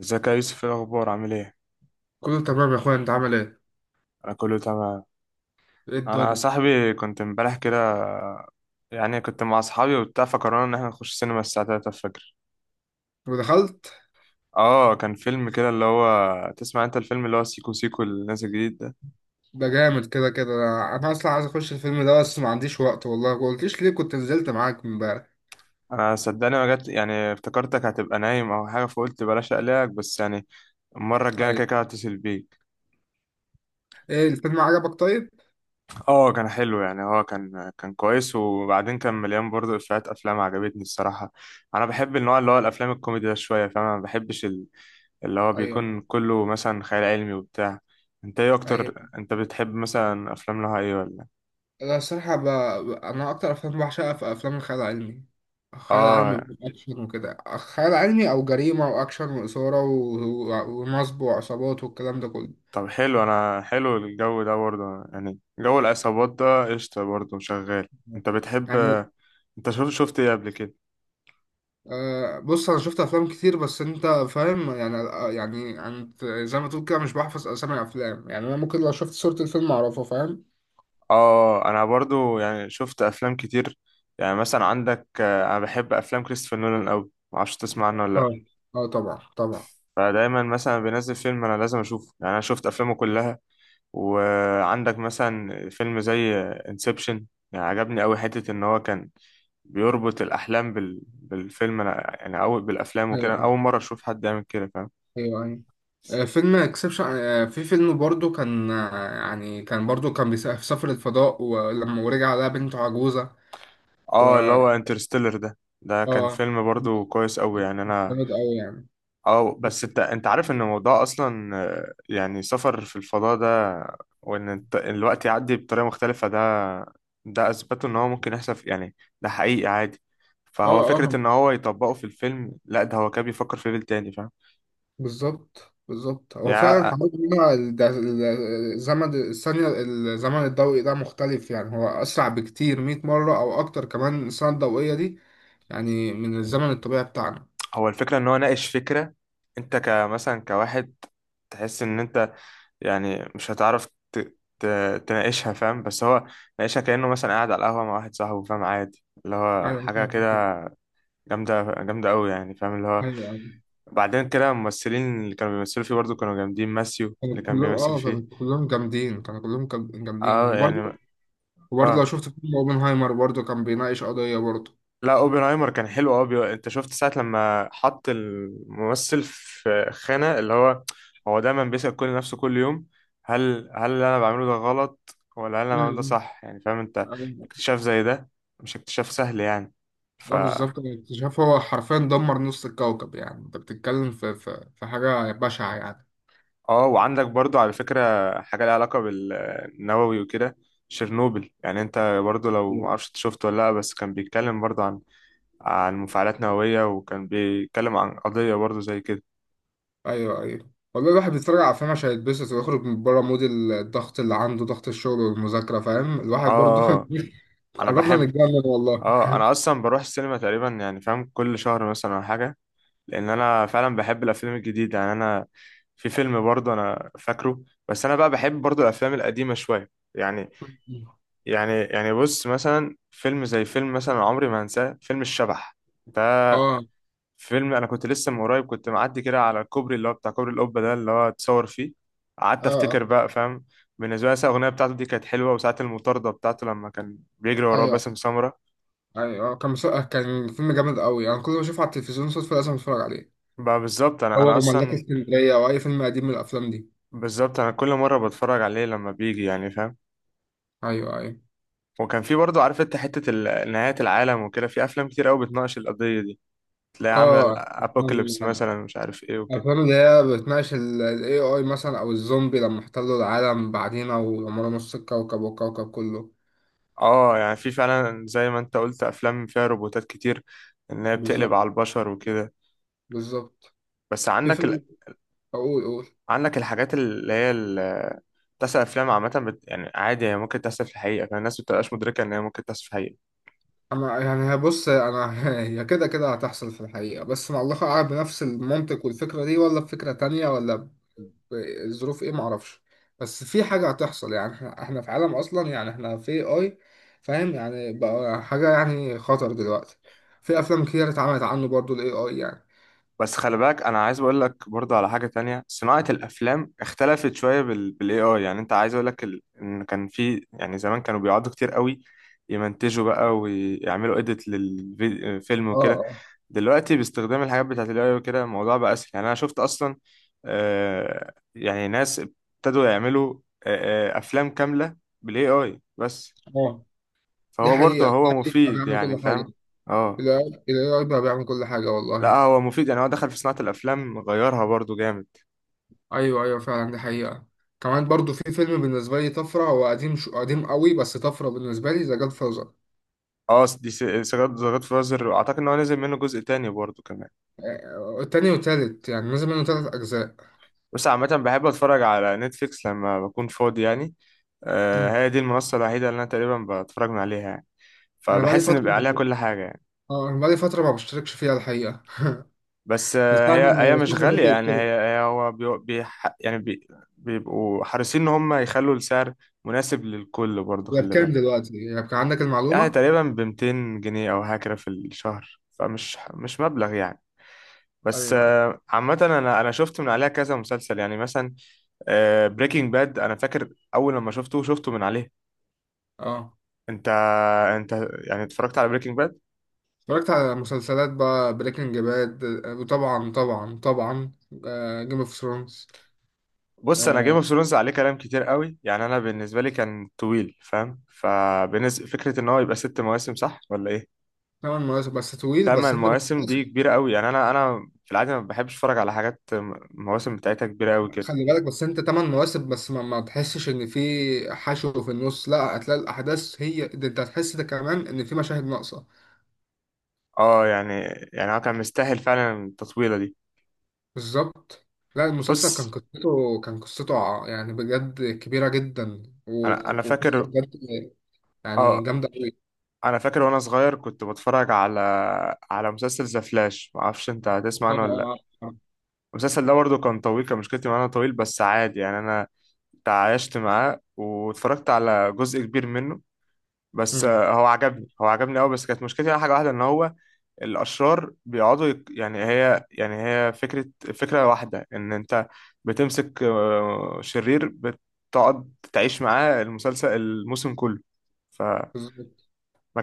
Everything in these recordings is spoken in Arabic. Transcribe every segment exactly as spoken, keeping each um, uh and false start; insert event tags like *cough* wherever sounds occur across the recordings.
ازيك يا يوسف، ايه الاخبار؟ عامل ايه؟ كله تمام يا اخويا، انت عامل ايه؟ انا كله تمام. ايه انا يا الدنيا؟ صاحبي كنت امبارح كده، يعني كنت مع اصحابي وبتاع، فقررنا ان احنا نخش سينما الساعه ثلاثة الفجر. ودخلت. اه، كان فيلم كده اللي هو، تسمع انت الفيلم اللي هو سيكو سيكو اللي نازل جديد ده؟ ده جامد. كده كده انا أنا اصلا عايز اخش الفيلم ده، بس ما عنديش وقت والله. ما قلتليش ليه؟ كنت نزلت معاك امبارح. انا صدقني ما جت، يعني افتكرتك هتبقى نايم او حاجه، فقلت بلاش اقلقك، بس يعني المره الجايه أنا كده كده ايوه. هتصل بيك. ايه الفيلم؟ عجبك طيب؟ اه كان حلو، يعني هو كان كان كويس، وبعدين كان مليان برضه افيهات، افلام عجبتني الصراحه. انا بحب النوع اللي هو الافلام الكوميدي ده شويه، فاهم؟ أنا ما بحبش اللي هو ايوه بيكون كله مثلا خيال علمي وبتاع. انت ايه ايوه. اكتر، انت بتحب مثلا افلام لها ايه ولا؟ انا الصراحه ب... ب- انا اكتر افلام بعشقها في افلام الخيال العلمي. خيال علمي اه، اكشن وكده، خيال علمي او جريمه واكشن واثاره و... و... ونصب وعصابات والكلام ده كله. طب حلو، انا حلو الجو ده برضه، يعني جو العصابات ده قشطة برضه شغال. انت بتحب؟ يعني انت شوف، شفت ايه قبل كده؟ أه. بص انا شفت افلام كتير، بس انت فاهم يعني آه، يعني انت زي ما تقول كده مش بحفظ اسامي افلام يعني. انا ممكن لو شفت صورة الفيلم اعرفه، فاهم؟ اه، انا برضه يعني شفت افلام كتير. يعني مثلا عندك، آه، انا بحب افلام كريستوفر نولان قوي، معرفش تسمع عنه ولا اه لا. اه طبعا طبعا. فدايما مثلا بينزل فيلم انا لازم اشوفه، يعني انا شفت افلامه كلها. وعندك مثلا فيلم زي انسبشن. يعني عجبني أوي، حتة إن هو كان بيربط الأحلام بال... بالفيلم، أنا يعني أول بالأفلام وكده، ايوه ايوه. أول مرة أشوف حد يعمل كده، فاهم؟ ايوه أيوة. آه، فيلم اكسبشن. في فيلم برضو كان، آه، يعني كان برضو كان بيس- في سفر الفضاء، ولما ورجع لقى بنته عجوزة. و اه، اللي هو انترستيلر ده ده كان اه، فيلم برضو كويس أوي، يعني أنا. جامد قوي يعني. اه، بس انت انت عارف ان الموضوع اصلا، آه، يعني سفر في الفضاء ده، وان الت- الوقت يعدي بطريقه مختلفه ده، ده اثبته ان هو ممكن يحصل في- يعني، ده حقيقي عادي. فهو اه فكره اه، ان هو يطبقه في الفيلم، لا ده هو كان بيفكر في ليفل تاني، فاهم؟ بالظبط بالظبط. هو فعلا يعني حوار إن هو ال- ده- ال- الزمن الثانية، الزمن الضوئي ده مختلف يعني، هو أسرع بكتير مية مرة أو أكتر، كمان السنة الضوئية دي يعني من الزمن الطبيعي بتاعنا. هو الفكره ان هو ناقش فكره، انت كمثلا كواحد تحس ان انت يعني مش هتعرف ت- ت- تناقشها، فاهم؟ بس هو ناقشها كانه مثلا قاعد على القهوه مع واحد صاحبه، فاهم؟ عادي اللي هو أيوة حاجه كده أيوة. جامدة جامدة أوي، يعني فاهم اللي هو. أيوة أيوة. بعدين كده الممثلين اللي كانوا بيمثلوا فيه برضه كانوا جامدين، ماسيو اللي كانوا كان كلهم بيمثل أه، كانوا فيه. كلهم جامدين، كانوا كلهم كام- جامدين، اه وبرضه يعني. وبرضه لو اه، شفت فيلم أوبنهايمر برضه كان بيناقش قضية برضه. لا اوبنهايمر كان حلو، اه بي... انت شفت ساعة لما حط الممثل في خانة اللي هو هو دايما بيسأل كل نفسه كل يوم، هل هل اللي انا بعمله ده غلط، ولا هل انا بعمله ده أمم. صح، يعني فاهم انت؟ أيوة. اكتشاف زي ده مش اكتشاف سهل يعني. اه بالظبط، الاكتشاف هو حرفيا دمر نص الكوكب. يعني انت بتتكلم في في في حاجة بشعة يعني. اه، وعندك برضو على فكرة حاجة ليها علاقة بالنووي وكده، شيرنوبل، يعني انت برضو لو معرفش إنت شفته ولا لا، بس كان بيتكلم برضو عن عن مفاعلات نووية، وكان بيتكلم عن قضية برضو زي كده. ايوه ايوه، والله الواحد بيتفرج على افلام عشان يتبسط ويخرج من بره مود الضغط اللي عنده، ضغط الشغل والمذاكره، فاهم؟ اه، الواحد برضو آه، آه. *laughs* انا قربنا بحب. نتجنن والله. اه، انا اصلا بروح السينما تقريبا، يعني فاهم، كل شهر مثلا او حاجة، لان انا فعلا بحب الافلام الجديدة، يعني انا في فيلم برضو انا فاكره، بس انا بقى بحب برضو الافلام القديمة شوية يعني. يعني يعني بص، مثلا فيلم زي فيلم مثلا عمري ما هنساه، فيلم الشبح ده. اه اه. فيلم انا كنت لسه من قريب كنت معدي كده على الكوبري اللي هو بتاع كوبري القبه ده اللي هو اتصور فيه، قعدت آه. افتكر بقى، فاهم؟ بالنسبه لي الأغنية بتاعته دي كانت حلوة، وساعة المطاردة بتاعته لما كان بيجري وراه ايوه باسم سمرة. ايوه، آه، كان مس- كان فيلم جامد قوي. انا يعني كل ما اشوفه على التلفزيون صدفه لازم اتفرج عليه، بقى بالظبط، أنا هو أنا وملاك أصلا اسكندريه او اي فيلم قديم من الافلام دي. بالظبط، أنا كل مرة بتفرج عليه لما بيجي، يعني فاهم. ايوه ايوه. وكان في برضه عارف أنت حتة ال- نهاية العالم وكده، في أفلام كتير أوي بتناقش القضية دي، تلاقي عاملة اه، الأبوكاليبس أفلام- مثلا، مش عارف إيه وكده. الافلام اللي هي بتناقش الاي اي مثلا، او الزومبي لما احتلوا العالم بعدينا ودمروا نص الكوكب والكوكب كله. اه، يعني في فعلا زي ما انت قلت افلام فيها روبوتات كتير، ان هي بتقلب بالظبط على البشر وكده. بالظبط. بس في عندك ال... فيلم، اقول اقول، عندك الحاجات اللي هي ال... تحصل افلام عامه بت... يعني عادي هي ممكن تحصل في الحقيقه، كان الناس بتبقاش مدركه ان هي ممكن تحصل في الحقيقه. انا يعني هي- بص انا *laughs* هي كده كده هتحصل في الحقيقه، بس مع الله اعلم بنفس المنطق والفكره دي، ولا بفكره تانية، ولا الظروف ايه؟ معرفش. بس في حاجه هتحصل يعني. احنا احنا في عالم اصلا، يعني احنا في اي، فاهم يعني؟ بقى حاجه يعني خطر دلوقتي. في افلام كتير اتعملت عنه برضو، الاي اي يعني. بس خلي بالك انا عايز اقول لك برضه على حاجه تانية، صناعه الافلام اختلفت شويه بال... بالاي اي، يعني انت عايز اقول لك ال... ان كان في، يعني زمان كانوا بيقعدوا كتير قوي يمنتجوا بقى ويعملوا اديت للفيلم اه وكده. اه دلوقتي باستخدام الحاجات بتاعت الاي وكده، الموضوع بقى اسهل، يعني انا شفت اصلا، آه يعني ناس ابتدوا يعملوا آه آه افلام كامله بالاي اي بس. اه دي فهو حقيقه. برضه هو ال إيه آي بقى بيعمل مفيد، يعني كل حاجه. فاهم. اه، الاي اي بقى بيعمل كل حاجه لا والله. هو مفيد، يعني هو دخل في صناعه الافلام غيرها برضه جامد. ايوه ايوه، فعلا دي حقيقة. كمان برضو في فيلم بالنسبة لي طفرة، هو قديم شو قديم قوي، بس طفرة بالنسبة لي، ذا جاد فازر. اه، دي س- سجاد سجاد فازر، واعتقد ان هو نزل منه جزء تاني برضه كمان. التاني والتالت، يعني نزل منه تلات أجزاء. بس عامه بحب اتفرج على نتفليكس لما بكون فاضي يعني، آه مم. هي دي المنصه الوحيده اللي انا تقريبا بتفرج من عليها يعني. أنا بقالي فبحس ان فترة، بيبقى عليها كل حاجه يعني. اه أنا بقالي فترة ما بشتركش فيها الحقيقة، بس من آه، ساعة هي ما هي مش السوشيال غالية ميديا يعني، اشترك. هي هي هو بي بي يعني بي بيبقوا حريصين إن هم يخلوا السعر مناسب للكل برضه، هي خلي بكام بالك، دلوقتي؟ هي بكام، عندك يعني المعلومة؟ تقريبا ب ميتين جنيه أو هكذا في الشهر، فمش مش مبلغ يعني. أيوه بس أيوه. آه، عامة أنا أنا شفت من عليها كذا مسلسل، يعني مثلا بريكنج باد أنا فاكر أول لما شفته شفته من عليه. اه، أنت أنت يعني اتفرجت على بريكنج باد؟ اتفرجت على مسلسلات بقى، بريكنج باد، وطبعا طبعا طبعا جيم اوف ثرونز. بص انا جيم اوف ثرونز عليه كلام كتير قوي، يعني انا بالنسبه لي كان طويل، فاهم؟ فبنز... فكره ان هو يبقى ست مواسم، صح ولا ايه؟ ثمان مواسم، بس طويل، تمن بس انت مواسم دي بتخلصه. كبيره قوي يعني، انا انا في العاده ما بحبش اتفرج على حاجات م- المواسم بتاعتها كبيره قوي كده. خلي بالك، بس انت تمن مواسم، بس ما, ما تحسش ان في حشو في النص، لا هتلاقي الاحداث هي ده، انت هتحس ده كمان، ان في مشاهد ناقصة. اه يعني، يعني هو كان مستاهل فعلا التطويله دي. بالظبط. لا المسلسل كان بص، قصته، كان قصته ع- يعني بجد كبيرة جدا انا و- انا وقصة فاكر. بجد يعني اه، جامدة قوي. انا فاكر وانا صغير كنت بتفرج على على مسلسل ذا فلاش، ما اعرفش انت هتسمع اه عنه ولا لا. اه. آه. آه. المسلسل ده برضه كان طويل، كان مشكلتي معاه إن هو طويل، بس عادي يعني انا تعايشت معاه واتفرجت على جزء كبير منه. بس مم. آه، هو عجبني هو عجبني قوي، بس كانت مشكلتي على حاجه واحده ان هو الاشرار بيقعدوا يك... يعني هي يعني هي فكره فكره واحده ان انت بتمسك آه، شرير، بتقعد تعيش معاه المسلسل الموسم كله، فما بالظبط.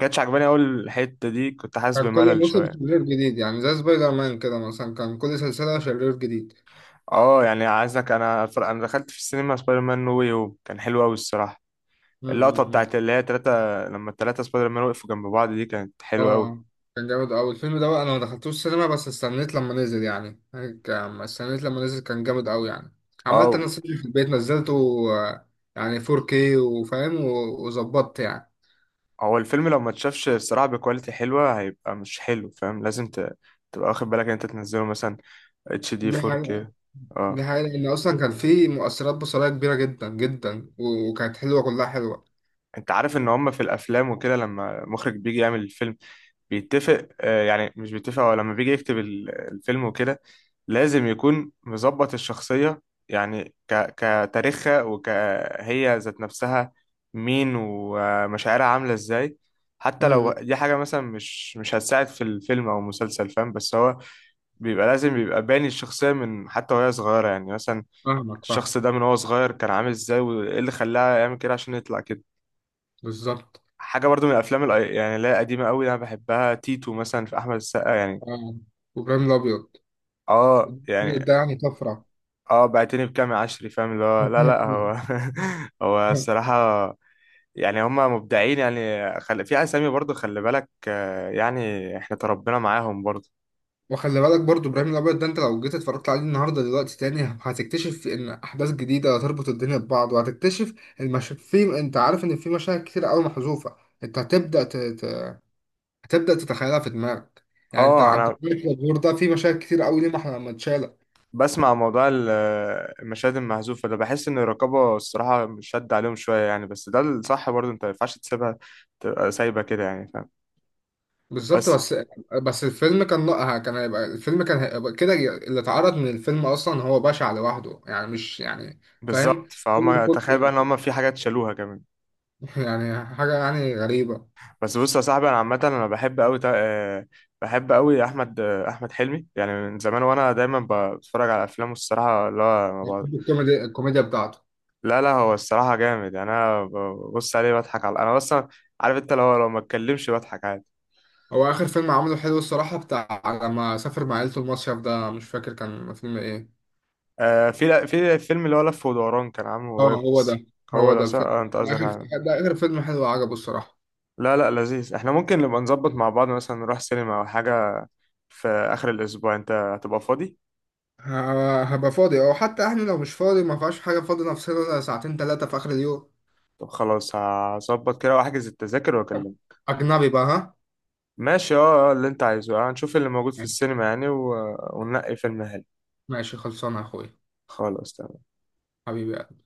كانتش عجباني قوي الحته دي، كنت حاسس كان كل بملل موسم شويه. شرير جديد، يعني زي سبايدر مان كده مثلا، كان كل سلسلة شرير جديد. اه، يعني عايزك انا أتفرج- انا دخلت في السينما سبايدر مان نو واي هوم، كان حلو قوي الصراحه. مم، مم، اللقطة مم. بتاعت اللي هي تلاتة، لما التلاتة سبايدر مان وقفوا جنب بعض دي كانت حلوة أوي. اه، كان جامد أوي الفيلم ده بقى. أنا ما دخلتوش السينما، بس استنيت لما نزل يعني، هيك أما استنيت لما نزل كان جامد أوي يعني. عملت اه، أنا سيرش في البيت، نزلته آه، يعني فور كيه وفاهم و- وظبطت يعني. هو الفيلم لو ما اتشافش الصراحة بكواليتي حلوة هيبقى مش حلو، فاهم؟ لازم ت... تبقى واخد بالك ان انت تنزله مثلا اتش دي دي حقيقة. فور كيه. دي اه، حقيقة، لأن أصلا كان في مؤثرات بصرية كبيرة جدا جدا و- وكانت حلوة، كلها حلوة. انت عارف ان هما في الافلام وكده لما مخرج بيجي يعمل الفيلم بيتفق، آه، يعني مش بيتفق، هو لما بيجي يكتب ال- الفيلم وكده لازم يكون مظبط الشخصية، يعني ك كتاريخها وكهي ذات نفسها، مين ومشاعرها عاملة ازاي، حتى لو امم. دي حاجة مثلا مش مش هتساعد في الفيلم أو المسلسل، فاهم؟ بس هو بيبقى لازم بيبقى باني الشخصية من حتى وهي صغيرة، يعني مثلا فاهمك، فاهم. الشخص ده من هو صغير كان عامل ازاي، وايه اللي خلاه يعمل كده عشان يطلع كده. بالظبط. حاجة برضو من الأفلام الأي- يعني اللي هي قديمة أوي أنا بحبها، تيتو مثلا في أحمد السقا يعني. اه، وإبراهيم الأبيض. اه الأبيض يعني. ده يعني طفرة. اه، بعتني بكام يا عشري، فاهم اللي هو؟ لا لا، هو *laughs* هو *laughs* الصراحة، يعني هما مبدعين، يعني خل... في أسامي برضو خلي بالك، آه، يعني احنا تربينا معاهم برضو. وخلي بالك برضو ابراهيم الابيض ده، انت لو جيت اتفرجت عليه النهارده دلوقتي تاني، هتكتشف ان احداث جديده هتربط الدنيا ببعض، وهتكتشف المش... في، انت عارف ان في مشاهد كتير قوي محذوفه. انت هتبدا ت... ت... هتبدا تتخيلها في دماغك يعني. انت اه، عبد انا الملك غفور ده في مشاهد كتير قوي ليه محل- ما احنا لما اتشالت. بسمع موضوع ال- المشاهد المحذوفة ده، بحس ان الرقابة الصراحة شد عليهم شوية يعني، بس ده الصح برضو، انت ما ينفعش تسيبها تبقى سايبة كده يعني، فاهم؟ بالظبط. بس بس بس الفيلم كان، لا كان هيبقى، الفيلم كان هيبقى كده. اللي اتعرض من الفيلم اصلا هو بشع لوحده يعني، مش يعني بالظبط، فاهم الفيلم فهم تخيل كله. بقى ان هم في حاجات شالوها كمان. *laughs* يعني حاجه يعني غريبه. بس بص يا صاحبي، انا عامه انا بحب قوي بحب قوي احمد، آه، احمد حلمي يعني من زمان، وانا دايما ب- بتفرج على افلامه الصراحه، لا ما ب... الكوميديا، الكوميديا بتاعته. لا لا، هو الصراحه جامد، يعني انا ببص عليه بضحك على، انا اصلا عارف انت، لو لو ما اتكلمش بضحك عادي. هو آخر فيلم عمله حلو الصراحة، بتاع لما سافر مع عيلته المصيف ده، مش فاكر كان فيلم إيه. آه في في الفيلم اللي هو لف ودوران كان عامله اه، قريب هو بس. ده. هو هو ده ده صح، الفيلم، آه، انت ده قصدك آخر، عليه. ده آخر فيلم حلو عجبه الصراحة. لا لا لذيذ، احنا ممكن نبقى نظبط مع بعض مثلا، نروح سينما او حاجه في اخر الاسبوع، انت هتبقى فاضي؟ ه- هبقى فاضي، أو حتى إحنا لو مش فاضي ما فيهاش حاجة، فاضي نفسنا ساعتين تلاتة في آخر اليوم. طب خلاص، هظبط كده واحجز التذاكر واكلمك. أجنبي بقى ها؟ ماشي اه، آه، اللي انت عايزه، اه، هنشوف اللي موجود في السينما يعني، و... وننقي فيلم حلو. ماشي، خلصانة يا أخويا. خلاص تمام. حبيبي.